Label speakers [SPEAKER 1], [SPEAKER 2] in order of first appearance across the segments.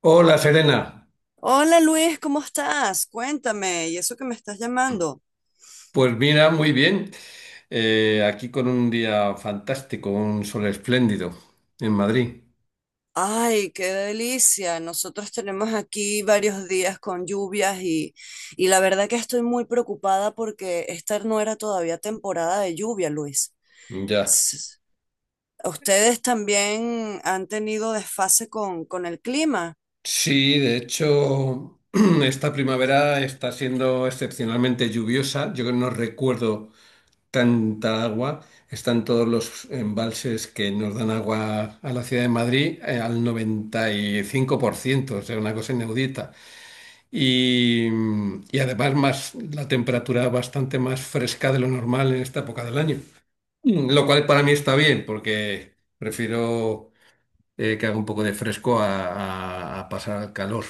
[SPEAKER 1] Hola Serena,
[SPEAKER 2] Hola Luis, ¿cómo estás? Cuéntame, ¿y eso que me estás llamando?
[SPEAKER 1] pues mira, muy bien. Aquí con un día fantástico, un sol espléndido en Madrid.
[SPEAKER 2] Ay, qué delicia. Nosotros tenemos aquí varios días con lluvias y la verdad que estoy muy preocupada porque esta no era todavía temporada de lluvia, Luis.
[SPEAKER 1] Ya.
[SPEAKER 2] S- ¿Ustedes también han tenido desfase con el clima?
[SPEAKER 1] Sí, de hecho, esta primavera está siendo excepcionalmente lluviosa. Yo no recuerdo tanta agua. Están todos los embalses que nos dan agua a la ciudad de Madrid, al 95%, o sea, una cosa inaudita. y, y además, la temperatura bastante más fresca de lo normal en esta época del año. Lo cual para mí está bien, porque prefiero que haga un poco de fresco a pasar al calor.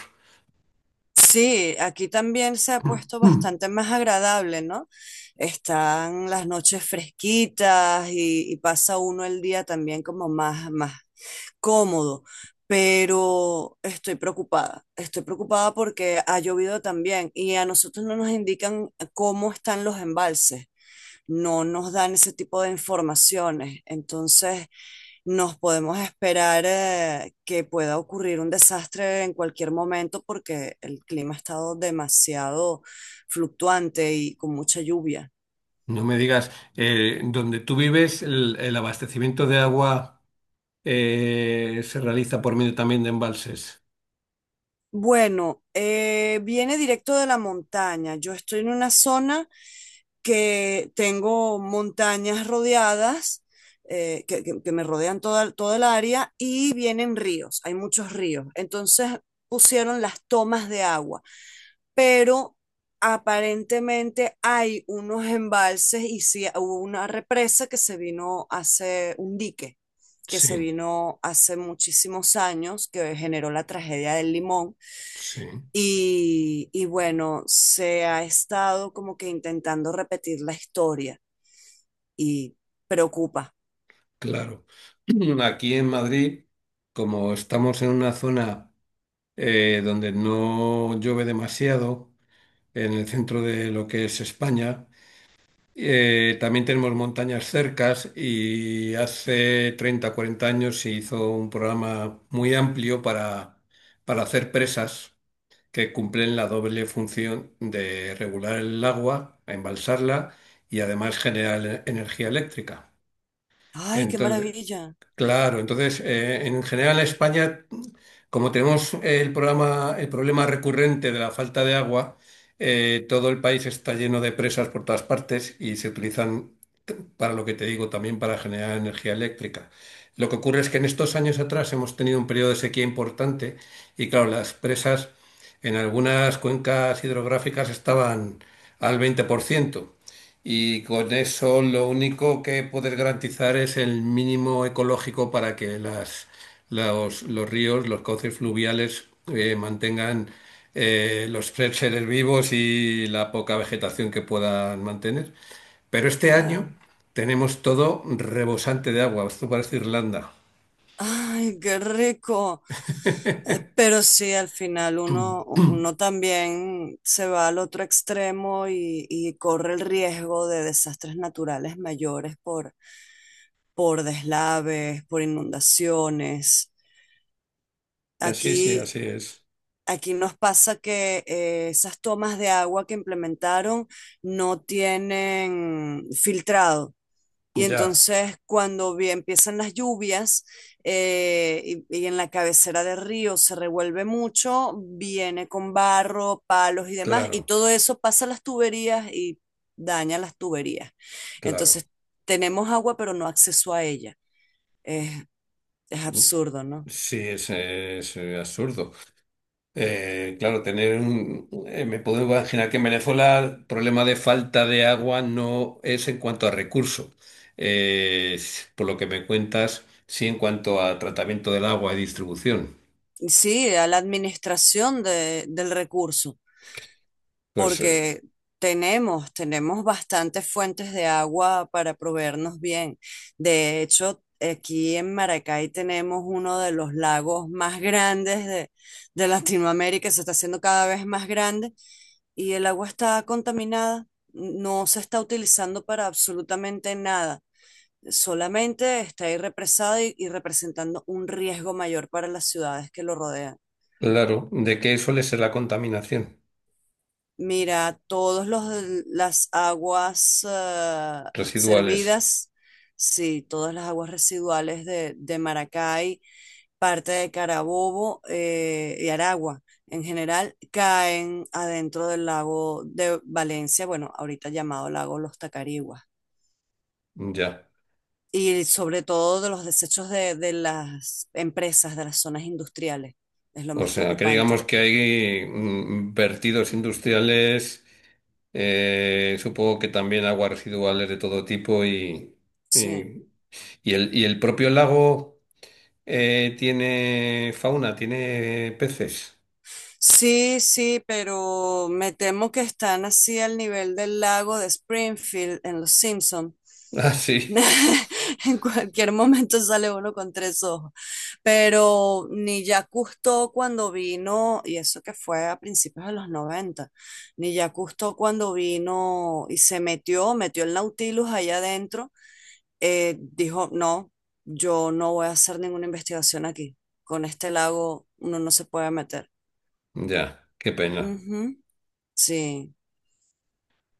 [SPEAKER 2] Sí, aquí también se ha puesto bastante más agradable, ¿no? Están las noches fresquitas y pasa uno el día también como más cómodo, pero estoy preocupada. Estoy preocupada porque ha llovido también y a nosotros no nos indican cómo están los embalses, no nos dan ese tipo de informaciones. Entonces, nos podemos esperar que pueda ocurrir un desastre en cualquier momento porque el clima ha estado demasiado fluctuante y con mucha lluvia.
[SPEAKER 1] Mm. No me digas, donde tú vives, el abastecimiento de agua se realiza por medio también de embalses.
[SPEAKER 2] Bueno, viene directo de la montaña. Yo estoy en una zona que tengo montañas rodeadas, que me rodean toda el área, y vienen ríos, hay muchos ríos. Entonces pusieron las tomas de agua, pero aparentemente hay unos embalses y sí hubo una represa que se vino hace un dique que se
[SPEAKER 1] Sí,
[SPEAKER 2] vino hace muchísimos años, que generó la tragedia del Limón.
[SPEAKER 1] sí,
[SPEAKER 2] Y bueno, se ha estado como que intentando repetir la historia y preocupa.
[SPEAKER 1] claro. Aquí en Madrid, como estamos en una zona donde no llueve demasiado, en el centro de lo que es España. También tenemos montañas cercas y hace 30, 40 años se hizo un programa muy amplio para hacer presas que cumplen la doble función de regular el agua, embalsarla y además generar energía eléctrica.
[SPEAKER 2] Ay, qué
[SPEAKER 1] Entonces,
[SPEAKER 2] maravilla.
[SPEAKER 1] claro, entonces en general en España, como tenemos eh, el problema recurrente de la falta de agua, todo el país está lleno de presas por todas partes y se utilizan para lo que te digo, también para generar energía eléctrica. Lo que ocurre es que en estos años atrás hemos tenido un periodo de sequía importante y claro, las presas en algunas cuencas hidrográficas estaban al 20%. Y con eso lo único que poder garantizar es el mínimo ecológico para que los ríos, los cauces fluviales mantengan los seres vivos y la poca vegetación que puedan mantener. Pero este año
[SPEAKER 2] Claro.
[SPEAKER 1] tenemos todo rebosante de agua. Esto parece Irlanda.
[SPEAKER 2] Ay, qué rico. Pero sí, al final uno,
[SPEAKER 1] Mm.
[SPEAKER 2] uno también se va al otro extremo y corre el riesgo de desastres naturales mayores por deslaves, por inundaciones.
[SPEAKER 1] Sí,
[SPEAKER 2] Aquí
[SPEAKER 1] sí, así es.
[SPEAKER 2] Aquí nos pasa que esas tomas de agua que implementaron no tienen filtrado. Y
[SPEAKER 1] Ya,
[SPEAKER 2] entonces cuando empiezan las lluvias eh, y en la cabecera del río se revuelve mucho, viene con barro, palos y demás, y
[SPEAKER 1] claro,
[SPEAKER 2] todo eso pasa a las tuberías y daña las tuberías.
[SPEAKER 1] claro.
[SPEAKER 2] Entonces tenemos agua pero no acceso a ella. Es, es
[SPEAKER 1] Mm.
[SPEAKER 2] absurdo, ¿no?
[SPEAKER 1] Sí, es absurdo. Claro, tener un... me puedo imaginar que en Venezuela el problema de falta de agua no es en cuanto a recurso. Eh, por lo que me cuentas, sí en cuanto a tratamiento del agua y distribución.
[SPEAKER 2] Y sí, a la del recurso,
[SPEAKER 1] Pues
[SPEAKER 2] porque tenemos bastantes fuentes de agua para proveernos bien. De hecho, aquí en Maracay tenemos uno de los lagos más grandes de Latinoamérica, se está haciendo cada vez más grande y el agua está contaminada, no se está utilizando para absolutamente nada, solamente está ahí represada y representando un riesgo mayor para las ciudades que lo rodean.
[SPEAKER 1] claro, ¿de qué suele ser la contaminación?
[SPEAKER 2] Mira, todos los las aguas
[SPEAKER 1] Residuales.
[SPEAKER 2] servidas, sí, todas las aguas residuales de Maracay, parte de Carabobo y Aragua en general, caen adentro del lago de Valencia, bueno, ahorita llamado lago Los Tacariguas,
[SPEAKER 1] Ya.
[SPEAKER 2] y sobre todo de los desechos de las empresas, de las zonas industriales, es lo
[SPEAKER 1] O
[SPEAKER 2] más
[SPEAKER 1] sea, que digamos
[SPEAKER 2] preocupante.
[SPEAKER 1] que hay vertidos industriales, supongo que también aguas residuales de todo tipo
[SPEAKER 2] Sí.
[SPEAKER 1] y, y el propio lago tiene fauna, tiene peces.
[SPEAKER 2] Sí, sí, pero me temo que están así al nivel del lago de Springfield en Los Simpson.
[SPEAKER 1] Ah, sí.
[SPEAKER 2] En cualquier momento sale uno con tres ojos. Pero ni ya Cousteau cuando vino, y eso que fue a principios de los 90, ni ya Cousteau cuando vino y se metió, metió el Nautilus allá adentro, dijo, no, yo no voy a hacer ninguna investigación aquí. Con este lago uno no se puede meter.
[SPEAKER 1] Ya, qué pena.
[SPEAKER 2] Sí.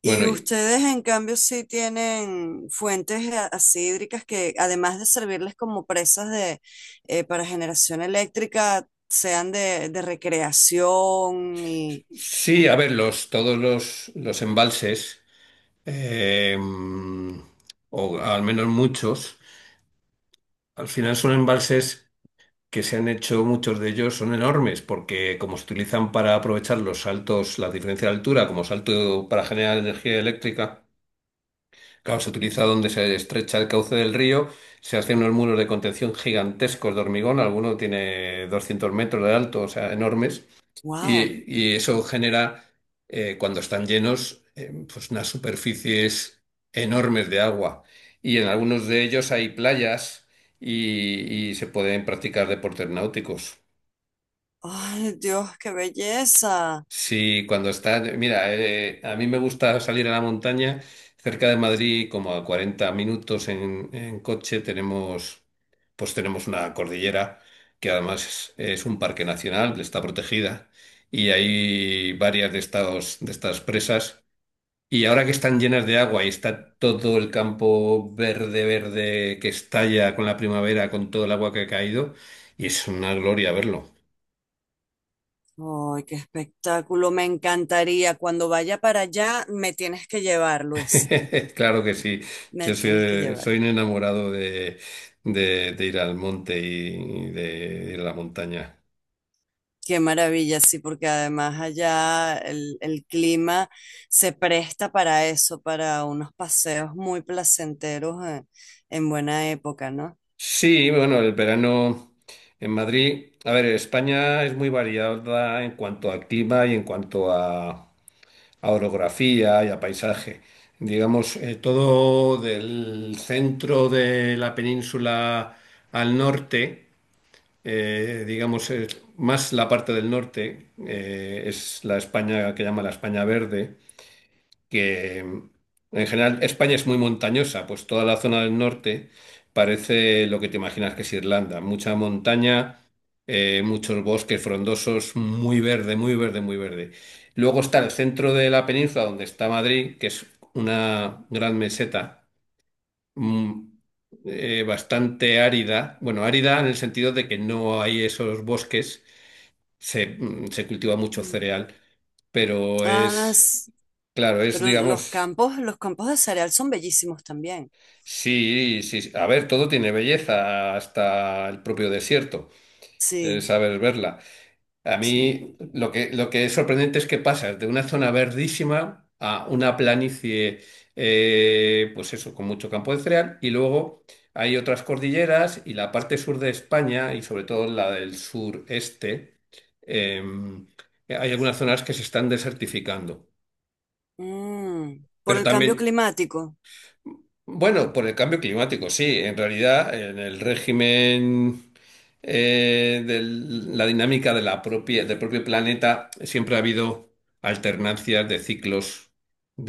[SPEAKER 1] Bueno,
[SPEAKER 2] Y
[SPEAKER 1] y-
[SPEAKER 2] ustedes, en cambio, sí tienen fuentes así hídricas que, además de servirles como presas para generación eléctrica, sean de recreación y...
[SPEAKER 1] sí, a ver, los embalses, eh, o al menos muchos, al final son embalses que se han hecho, muchos de ellos son enormes, porque como se utilizan para aprovechar los saltos, la diferencia de altura, como salto para generar energía eléctrica, claro, se utiliza donde se estrecha el cauce del río, se hacen unos muros de contención gigantescos de hormigón, alguno tiene 200 metros de alto, o sea, enormes,
[SPEAKER 2] ¡Wow!
[SPEAKER 1] y eso genera, cuando están llenos, pues unas superficies enormes de agua. Y en algunos de ellos hay playas y y se pueden practicar deportes náuticos.
[SPEAKER 2] ¡Ay, Dios, qué belleza!
[SPEAKER 1] Sí, cuando está, mira, a mí me gusta salir a la montaña. Cerca de Madrid, como a 40 minutos en coche, tenemos, pues tenemos una cordillera que además es un parque nacional, que está protegida y hay varias de estas presas. Y ahora que están llenas de agua y está todo el campo verde, verde que estalla con la primavera, con todo el agua que ha caído, y es una gloria verlo.
[SPEAKER 2] ¡Ay, qué espectáculo! Me encantaría. Cuando vaya para allá, me tienes que llevar, Luis.
[SPEAKER 1] Claro que sí.
[SPEAKER 2] Me
[SPEAKER 1] Yo soy,
[SPEAKER 2] tienes que llevar.
[SPEAKER 1] soy un enamorado de, de ir al monte y de ir a la montaña.
[SPEAKER 2] Qué maravilla, sí, porque además allá el clima se presta para eso, para unos paseos muy placenteros en buena época, ¿no?
[SPEAKER 1] Sí, bueno, el verano en Madrid. A ver, España es muy variada en cuanto a clima y en cuanto a orografía y a paisaje. Digamos, todo del centro de la península al norte. Eh, digamos, es más la parte del norte, es la España que llama la España Verde, que en general España es muy montañosa, pues toda la zona del norte parece lo que te imaginas que es Irlanda, mucha montaña, muchos bosques frondosos, muy verde, muy verde, muy verde. Luego está el centro de la península donde está Madrid, que es una gran meseta, mm, bastante árida. Bueno, árida en el sentido de que no hay esos bosques, se cultiva mucho
[SPEAKER 2] Mm.
[SPEAKER 1] cereal, pero
[SPEAKER 2] Ah, s-
[SPEAKER 1] claro, es,
[SPEAKER 2] pero
[SPEAKER 1] digamos,
[SPEAKER 2] los campos de cereal son bellísimos también.
[SPEAKER 1] sí, sí, a ver, todo tiene belleza, hasta el propio desierto, el
[SPEAKER 2] Sí,
[SPEAKER 1] saber verla. A
[SPEAKER 2] sí.
[SPEAKER 1] mí lo que es sorprendente es que pasas de una zona verdísima a una planicie, pues eso, con mucho campo de cereal, y luego hay otras cordilleras y la parte sur de España, y sobre todo la del sureste, eh, hay algunas zonas que se están desertificando.
[SPEAKER 2] Mm, por
[SPEAKER 1] Pero
[SPEAKER 2] el cambio
[SPEAKER 1] también,
[SPEAKER 2] climático,
[SPEAKER 1] bueno, por el cambio climático, sí. En realidad, en el régimen de la dinámica de del propio planeta, siempre ha habido alternancias de ciclos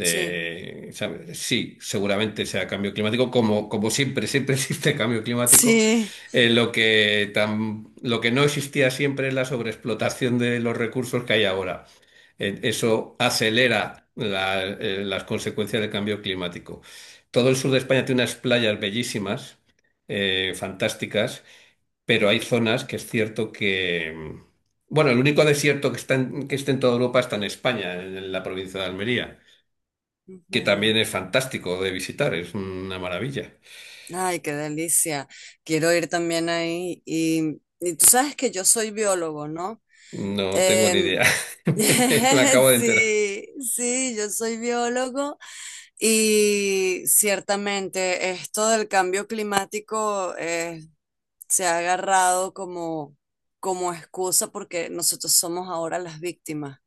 [SPEAKER 2] sí.
[SPEAKER 1] ¿sabes? Sí, seguramente sea cambio climático, como, como siempre, siempre existe cambio climático.
[SPEAKER 2] Sí.
[SPEAKER 1] Lo que no existía siempre es la sobreexplotación de los recursos que hay ahora. Eso acelera las consecuencias del cambio climático. Todo el sur de España tiene unas playas bellísimas, fantásticas, pero hay zonas que es cierto que... Bueno, el único desierto que está que está en toda Europa está en España, en la provincia de Almería, que
[SPEAKER 2] Ujú.
[SPEAKER 1] también es fantástico de visitar, es una maravilla.
[SPEAKER 2] Ay, qué delicia. Quiero ir también ahí. Y tú sabes que yo soy biólogo, ¿no?
[SPEAKER 1] No tengo ni
[SPEAKER 2] Em,
[SPEAKER 1] idea. Me acabo de enterar.
[SPEAKER 2] Sí, sí, yo soy biólogo y ciertamente esto del cambio climático se ha agarrado como, como excusa porque nosotros somos ahora las víctimas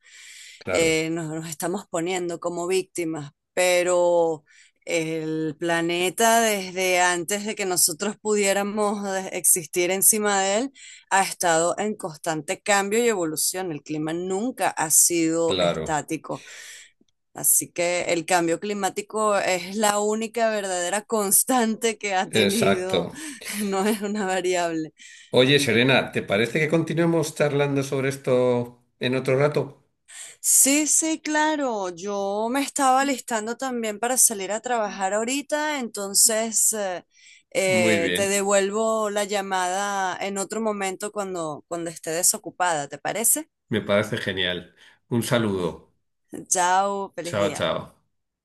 [SPEAKER 1] Claro,
[SPEAKER 2] nos estamos poniendo como víctimas, pero el planeta desde antes de que nosotros existir encima de él ha estado en constante cambio y evolución. El clima nunca ha sido
[SPEAKER 1] claro,
[SPEAKER 2] estático. Así que el cambio climático es la única verdadera constante que ha tenido,
[SPEAKER 1] exacto.
[SPEAKER 2] no es una variable.
[SPEAKER 1] Oye, Serena, ¿te parece que continuemos charlando sobre esto en otro rato?
[SPEAKER 2] Sí, sí, claro. Yo me estaba listando también para salir a trabajar ahorita, entonces
[SPEAKER 1] Muy
[SPEAKER 2] te
[SPEAKER 1] bien,
[SPEAKER 2] devuelvo la llamada en otro momento cuando esté desocupada, ¿te parece?
[SPEAKER 1] me parece genial. Un saludo.
[SPEAKER 2] Chao, feliz
[SPEAKER 1] Chao,
[SPEAKER 2] día.
[SPEAKER 1] chao.